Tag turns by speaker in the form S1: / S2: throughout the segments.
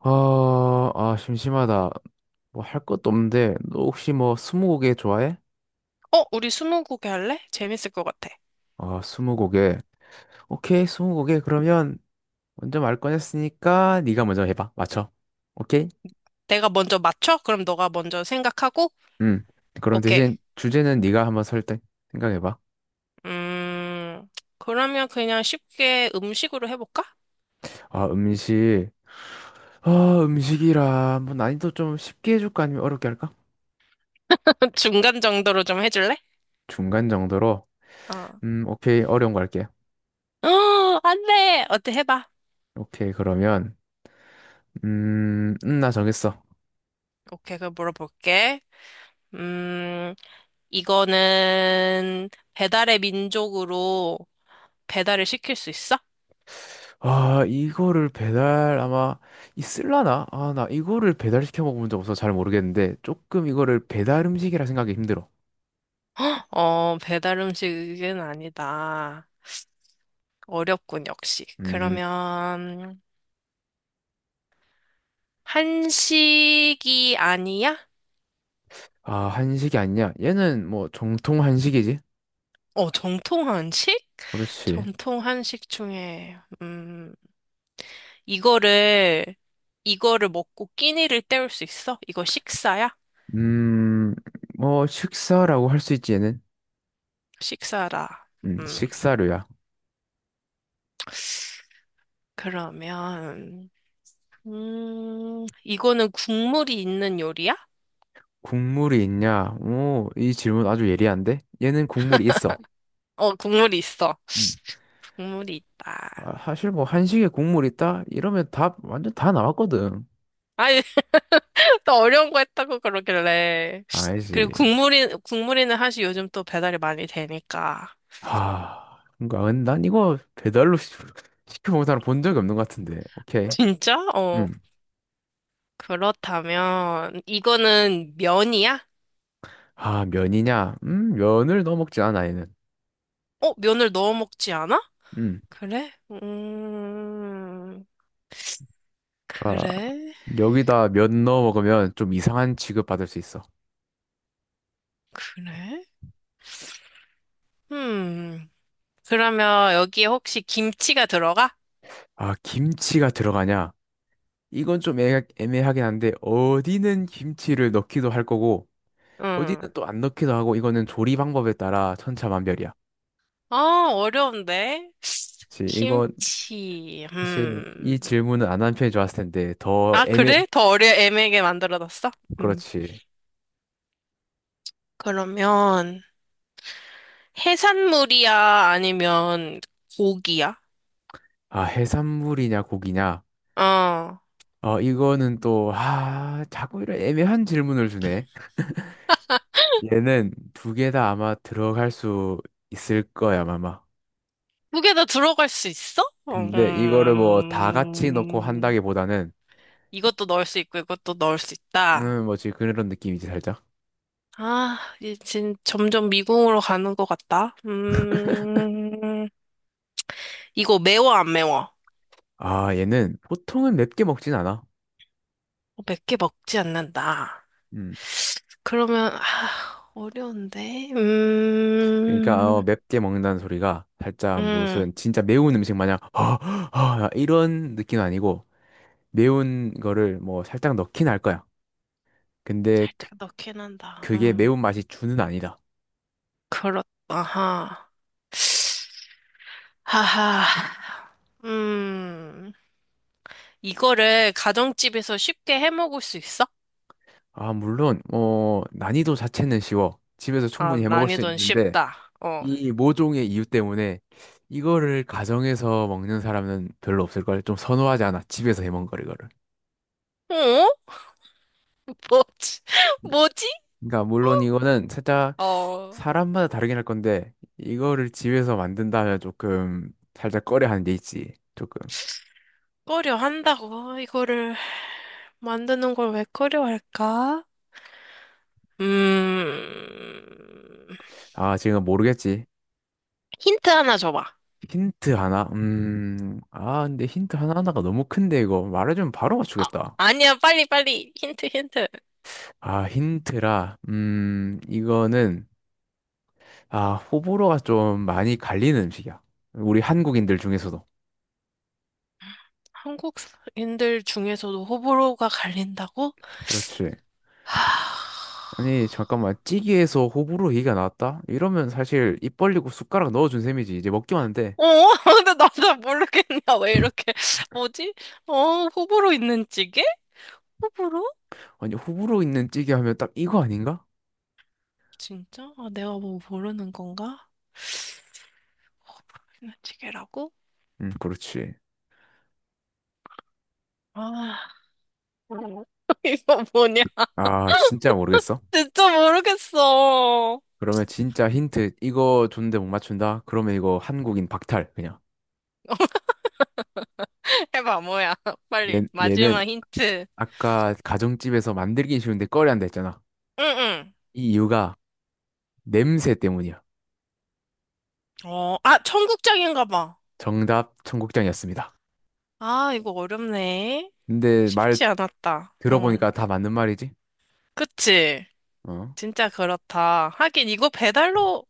S1: 아, 심심하다. 뭐 할 것도 없는데, 너 혹시 뭐 스무고개 좋아해?
S2: 어, 우리 스무고개 할래? 재밌을 것 같아.
S1: 아, 스무고개. 오케이, 스무고개. 그러면 먼저 말 꺼냈으니까 네가 먼저 해봐. 맞춰. 오케이?
S2: 내가 먼저 맞춰? 그럼 너가 먼저 생각하고?
S1: 음. 그럼
S2: 오케이.
S1: 대신 주제는 네가 한번 설득 생각해봐.
S2: 음, 그러면 그냥 쉽게 음식으로 해볼까?
S1: 아, 음식. 아, 음식이라 뭐 난이도 좀 쉽게 해줄까 아니면 어렵게 할까?
S2: 중간 정도로 좀 해줄래?
S1: 중간 정도로.
S2: 어.
S1: 오케이. 어려운 거 할게.
S2: 어, 안 돼! 어때, 해봐.
S1: 오케이. 그러면 나 정했어.
S2: 오케이, 그럼 물어볼게. 음, 이거는 배달의 민족으로 배달을 시킬 수 있어?
S1: 아, 이거를 배달 아마 있을라나? 아, 나 이거를 배달시켜 먹어본 적 없어서 잘 모르겠는데 조금 이거를 배달 음식이라 생각이 힘들어.
S2: 어, 배달 음식은 아니다. 어렵군, 역시.
S1: 음,
S2: 그러면, 한식이 아니야?
S1: 아, 한식이 아니냐? 얘는 뭐 정통 한식이지?
S2: 어, 정통 한식?
S1: 그렇지.
S2: 정통 한식 중에, 이거를, 이거를 먹고 끼니를 때울 수 있어? 이거 식사야?
S1: 음, 뭐 식사라고 할 수 있지 얘는?
S2: 식사라. 음,
S1: 식사류야.
S2: 그러면, 이거는 국물이 있는 요리야?
S1: 국물이 있냐? 오, 이 질문 아주 예리한데? 얘는 국물이 있어.
S2: 어, 국물이 있어.
S1: 음.
S2: 국물이 있다.
S1: 아, 사실 뭐 한식에 국물 있다? 이러면 답 완전 다 나왔거든.
S2: 아니, 또 어려운 거 했다고 그러길래. 그리고
S1: 알지.
S2: 국물이는 사실 요즘 또 배달이 많이 되니까.
S1: 아, 뭔가 난 이거 배달로 시- 시켜 먹은 사람 본 적이 없는 것 같은데. 오케이.
S2: 진짜? 어.
S1: 음.
S2: 그렇다면, 이거는 면이야?
S1: 아, 면이냐? 면을 넣어 먹지 않아, 얘는.
S2: 어, 면을 넣어 먹지 않아?
S1: 음.
S2: 그래?
S1: 그러니까
S2: 그래?
S1: 여기다 면 넣어 먹으면 좀 이상한 취급 받을 수 있어.
S2: 그래? 음, 그러면 여기에 혹시 김치가 들어가?
S1: 아, 김치가 들어가냐? 이건 좀 애매하긴 한데 어디는 김치를 넣기도 할 거고
S2: 응.
S1: 어디는 또 안 넣기도 하고 이거는 조리 방법에 따라 천차만별이야.
S2: 아, 어려운데?
S1: 그렇지. 이거
S2: 김치,
S1: 사실 이 질문은 안 한 편이 좋았을 텐데 더
S2: 아,
S1: 애매
S2: 그래? 더 애매하게 만들어놨어? 음.
S1: 그렇지.
S2: 그러면, 해산물이야? 아니면 고기야?
S1: 아, 해산물이냐, 고기냐?
S2: 어.
S1: 어, 이거는 또, 아, 자꾸 이런 애매한 질문을 주네. 얘는 두 개 다 아마 들어갈 수 있을 거야, 아마.
S2: 두 개 다 들어갈 수 있어?
S1: 근데 이거를 뭐 다 같이 넣고
S2: 음,
S1: 한다기보다는,
S2: 이것도 넣을 수 있고 이것도 넣을 수 있다.
S1: 뭐지, 그런 느낌이지, 살짝.
S2: 아, 이제 점점 미궁으로 가는 것 같다. 이거 매워 안 매워?
S1: 아, 얘는 보통은 맵게 먹진 않아.
S2: 몇 개 먹지 않는다.
S1: 음.
S2: 그러면 아, 어려운데.
S1: 그러니까, 어, 맵게 먹는다는 소리가 살짝
S2: 음,
S1: 무슨 진짜 매운 음식 마냥, 허허허 이런 느낌은 아니고, 매운 거를 뭐 살짝 넣긴 할 거야. 근데 그
S2: 살짝 넣긴 한다.
S1: 그게 매운맛이 주는 아니다.
S2: 그렇다. 아하. 하하. 음. 이거를 가정집에서 쉽게 해 먹을 수 있어?
S1: 아, 물론, 어, 난이도 자체는 쉬워. 집에서
S2: 아,
S1: 충분히 해 먹을 수
S2: 난이도는
S1: 있는데,
S2: 쉽다. 어.
S1: 이 모종의 이유 때문에 이거를 가정에서 먹는 사람은 별로 없을걸. 좀 선호하지 않아. 집에서 해 먹는 걸, 이거를.
S2: 어? 뭐지?
S1: 그러니까,
S2: 뭐지?
S1: 그러니까 물론 이거는 살짝
S2: 어,
S1: 사람마다 다르긴 할 건데, 이거를 집에서 만든다면 조금 살짝 꺼려 하는 게 있지. 조금.
S2: 꺼려 한다고 이거를 만드는 걸 왜 꺼려 할까? 음,
S1: 아, 지금 모르겠지.
S2: 힌트 하나 줘봐.
S1: 힌트 하나? 아, 근데 힌트 하나하나가 너무 큰데, 이거. 말해주면 바로
S2: 아,
S1: 맞추겠다.
S2: 아니야, 빨리, 빨리. 힌트, 힌트.
S1: 아, 힌트라. 이거는, 아, 호불호가 좀 많이 갈리는 음식이야. 우리 한국인들 중에서도.
S2: 한국인들 중에서도 호불호가 갈린다고?
S1: 그렇지.
S2: 하...
S1: 아니, 잠깐만. 찌개에서 호불호 얘기가 나왔다? 이러면 사실 입 벌리고 숟가락 넣어준 셈이지. 이제 먹기만 하는데.
S2: 어, 근데 나도 모르겠냐. 왜 이렇게, 뭐지? 어, 호불호 있는 찌개? 호불호?
S1: 아니, 호불호 있는 찌개 하면 딱 이거 아닌가?
S2: 진짜? 아, 내가 뭐 모르는 건가? 호불호 있는 찌개라고?
S1: 그렇지.
S2: 아, 이거 뭐냐?
S1: 아, 진짜 모르겠어.
S2: 진짜 모르겠어.
S1: 그러면 진짜 힌트, 이거 줬는데 못 맞춘다? 그러면 이거 한국인 박탈, 그냥.
S2: 해봐, 뭐야.
S1: 얘,
S2: 빨리,
S1: 얘는
S2: 마지막 힌트.
S1: 아까 가정집에서 만들긴 쉬운데 꺼려한다 했잖아.
S2: 응,
S1: 이 이유가 냄새 때문이야.
S2: 응. 어, 아, 청국장인가 봐.
S1: 정답 청국장이었습니다.
S2: 아, 이거 어렵네.
S1: 근데 말
S2: 쉽지 않았다. 응.
S1: 들어보니까 다 맞는 말이지.
S2: 그치?
S1: 어.
S2: 진짜 그렇다. 하긴, 이거 배달로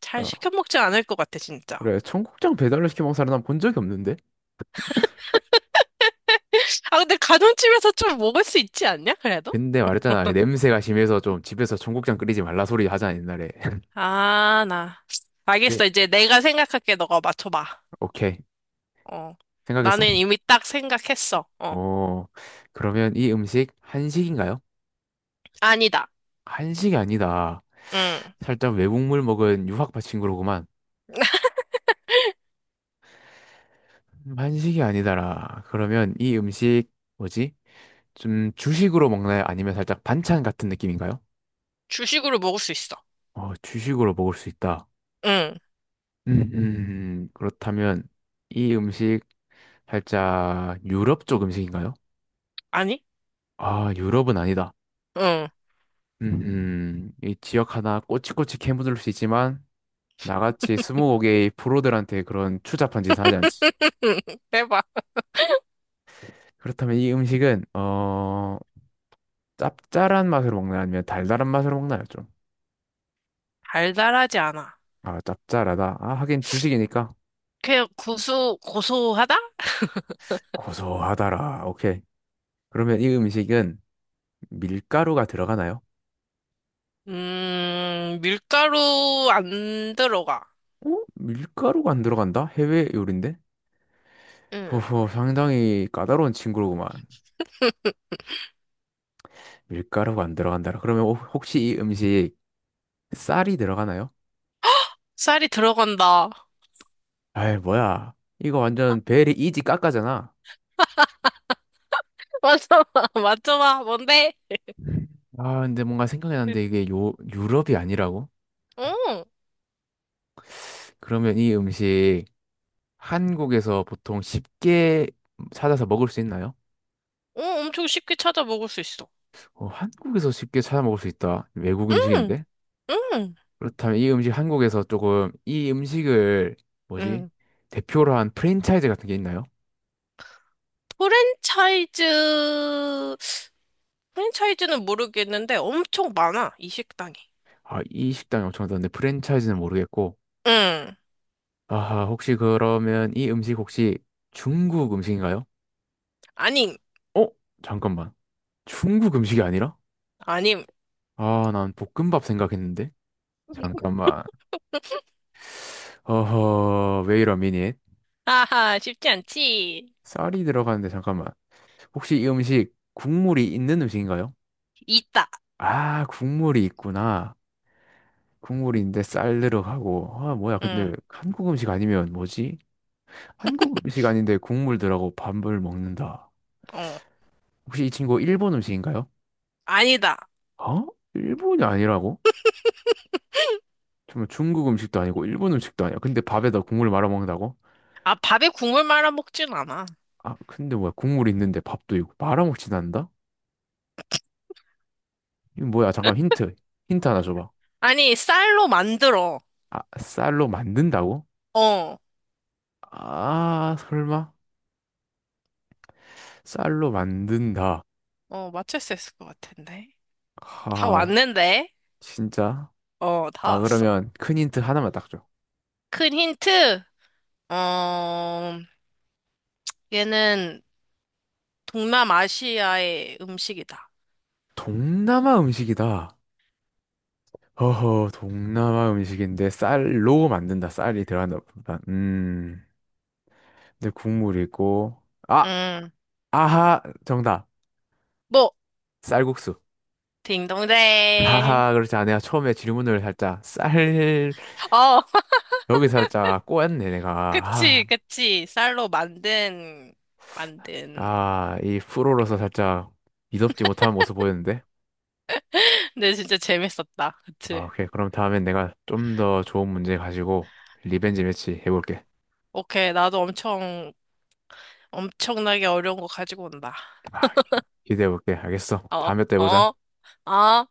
S2: 잘
S1: 그러니까
S2: 시켜 먹지 않을 것 같아, 진짜.
S1: 그래 청국장 배달로 시켜 먹는 사람 난 본 적이 없는데.
S2: 아, 근데 가정집에서 좀 먹을 수 있지 않냐, 그래도?
S1: 근데 말했잖아 냄새가 심해서 좀 집에서 청국장 끓이지 말라 소리 하잖아 옛날에.
S2: 아, 나.
S1: 네,
S2: 알겠어. 이제 내가 생각할게. 너가 맞춰봐.
S1: 오케이
S2: 어.
S1: 생각했어?
S2: 나는 이미 딱 생각했어. 어.
S1: 어 그러면 이 음식 한식인가요?
S2: 아니다.
S1: 한식이 아니다.
S2: 응.
S1: 살짝 외국물 먹은 유학파 친구로구만. 한식이 아니다라. 그러면 이 음식 뭐지? 좀 주식으로 먹나요? 아니면 살짝 반찬 같은 느낌인가요?
S2: 주식으로 먹을 수 있어.
S1: 어, 주식으로 먹을 수 있다.
S2: 응.
S1: 음, 그렇다면 이 음식 살짝 유럽 쪽 음식인가요?
S2: 아니?
S1: 아, 유럽은 아니다.
S2: 응.
S1: 음, 이 지역 하나 꼬치꼬치 캐묻을 수 있지만 나같이 스무고개의 프로들한테 그런 추잡한 짓은 하지 않지.
S2: 해봐.
S1: 그렇다면 이 음식은 어 짭짤한 맛으로 먹나요? 아니면 달달한 맛으로 먹나요? 좀.
S2: 달달하지 않아.
S1: 아, 짭짤하다. 아, 하긴 주식이니까
S2: 그냥 고소하다?
S1: 고소하다라. 오케이. 그러면 이 음식은 밀가루가 들어가나요?
S2: 밀가루 안 들어가.
S1: 어? 밀가루가 안 들어간다? 해외 요리인데?
S2: 응.
S1: 호호, 상당히 까다로운 친구로구만. 밀가루가 안 들어간다. 그러면 혹시 이 음식 쌀이 들어가나요?
S2: 쌀이 들어간다.
S1: 아이, 뭐야. 이거 완전 베리 이지 깎아잖아.
S2: 맞춰봐, 맞춰봐. 뭔데?
S1: 아, 근데 뭔가 생각이 났는데 이게 요, 유럽이 아니라고?
S2: 어,
S1: 그러면 이 음식 한국에서 보통 쉽게 찾아서 먹을 수 있나요?
S2: 어, 엄청 쉽게 찾아 먹을 수 있어.
S1: 어, 한국에서 쉽게 찾아 먹을 수 있다. 외국
S2: 응,
S1: 음식인데?
S2: 응,
S1: 그렇다면 이 음식 한국에서 조금 이 음식을 뭐지?
S2: 응.
S1: 대표로 한 프랜차이즈 같은 게 있나요?
S2: 프랜차이즈, 프랜차이즈는 모르겠는데 엄청 많아, 이 식당이.
S1: 아, 이 식당이 엄청 많던데 프랜차이즈는 모르겠고.
S2: 응,
S1: 아, 혹시 그러면 이 음식 혹시 중국 음식인가요?
S2: 아님,
S1: 어? 잠깐만. 중국 음식이 아니라?
S2: 아님.
S1: 아, 난 볶음밥 생각했는데. 잠깐만. 어허, 왜이러 미닛
S2: 아하, 쉽지 않지.
S1: 쌀이 들어가는데 잠깐만. 혹시 이 음식 국물이 있는 음식인가요?
S2: 있다.
S1: 아, 국물이 있구나. 국물인데 쌀 들어가고 아 뭐야
S2: 응,
S1: 근데 한국 음식 아니면 뭐지? 한국 음식 아닌데 국물 들어가고 밥을 먹는다.
S2: 어,
S1: 혹시 이 친구 일본 음식인가요?
S2: 아니다.
S1: 어? 일본이 아니라고? 정말 중국 음식도 아니고 일본 음식도 아니야. 근데 밥에다 국물 말아 먹는다고?
S2: 아, 밥에 국물 말아 먹진 않아.
S1: 아 근데 뭐야 국물 있는데 밥도 있고 말아 먹진 않는다? 이거 뭐야 잠깐 힌트 하나 줘봐.
S2: 아니, 쌀로 만들어.
S1: 아 쌀로 만든다고?
S2: 어,
S1: 아 설마 쌀로 만든다.
S2: 어, 맞출 수 있을 것 같은데. 다
S1: 아
S2: 왔는데?
S1: 진짜?
S2: 어, 다
S1: 아
S2: 왔어.
S1: 그러면 큰 힌트 하나만 딱 줘.
S2: 큰 힌트? 어, 얘는 동남아시아의 음식이다.
S1: 동남아 음식이다. 허허, 동남아 음식인데 쌀로 만든다. 쌀이 들어간다. 보다. 근데 국물이 있고. 아,
S2: 음,
S1: 아하, 정답.
S2: 뭐,
S1: 쌀국수.
S2: 딩동댕.
S1: 하하, 그렇지. 아, 내가 처음에 질문을 살짝 쌀,
S2: 어,
S1: 여기 살짝 꼬였네, 내가. 아,
S2: 그치, 그치. 만든.
S1: 아, 이 프로로서 살짝 미덥지 못한 모습 보였는데.
S2: 근데 진짜 재밌었다.
S1: 아,
S2: 그치.
S1: 오케이. 그럼 다음엔 내가 좀 더 좋은 문제 가지고 리벤지 매치 해볼게.
S2: 오케이, 엄청나게 어려운 거 가지고 온다.
S1: 아, 기대해볼게. 알겠어.
S2: 어,
S1: 다음에 또 해보자.
S2: 어, 어.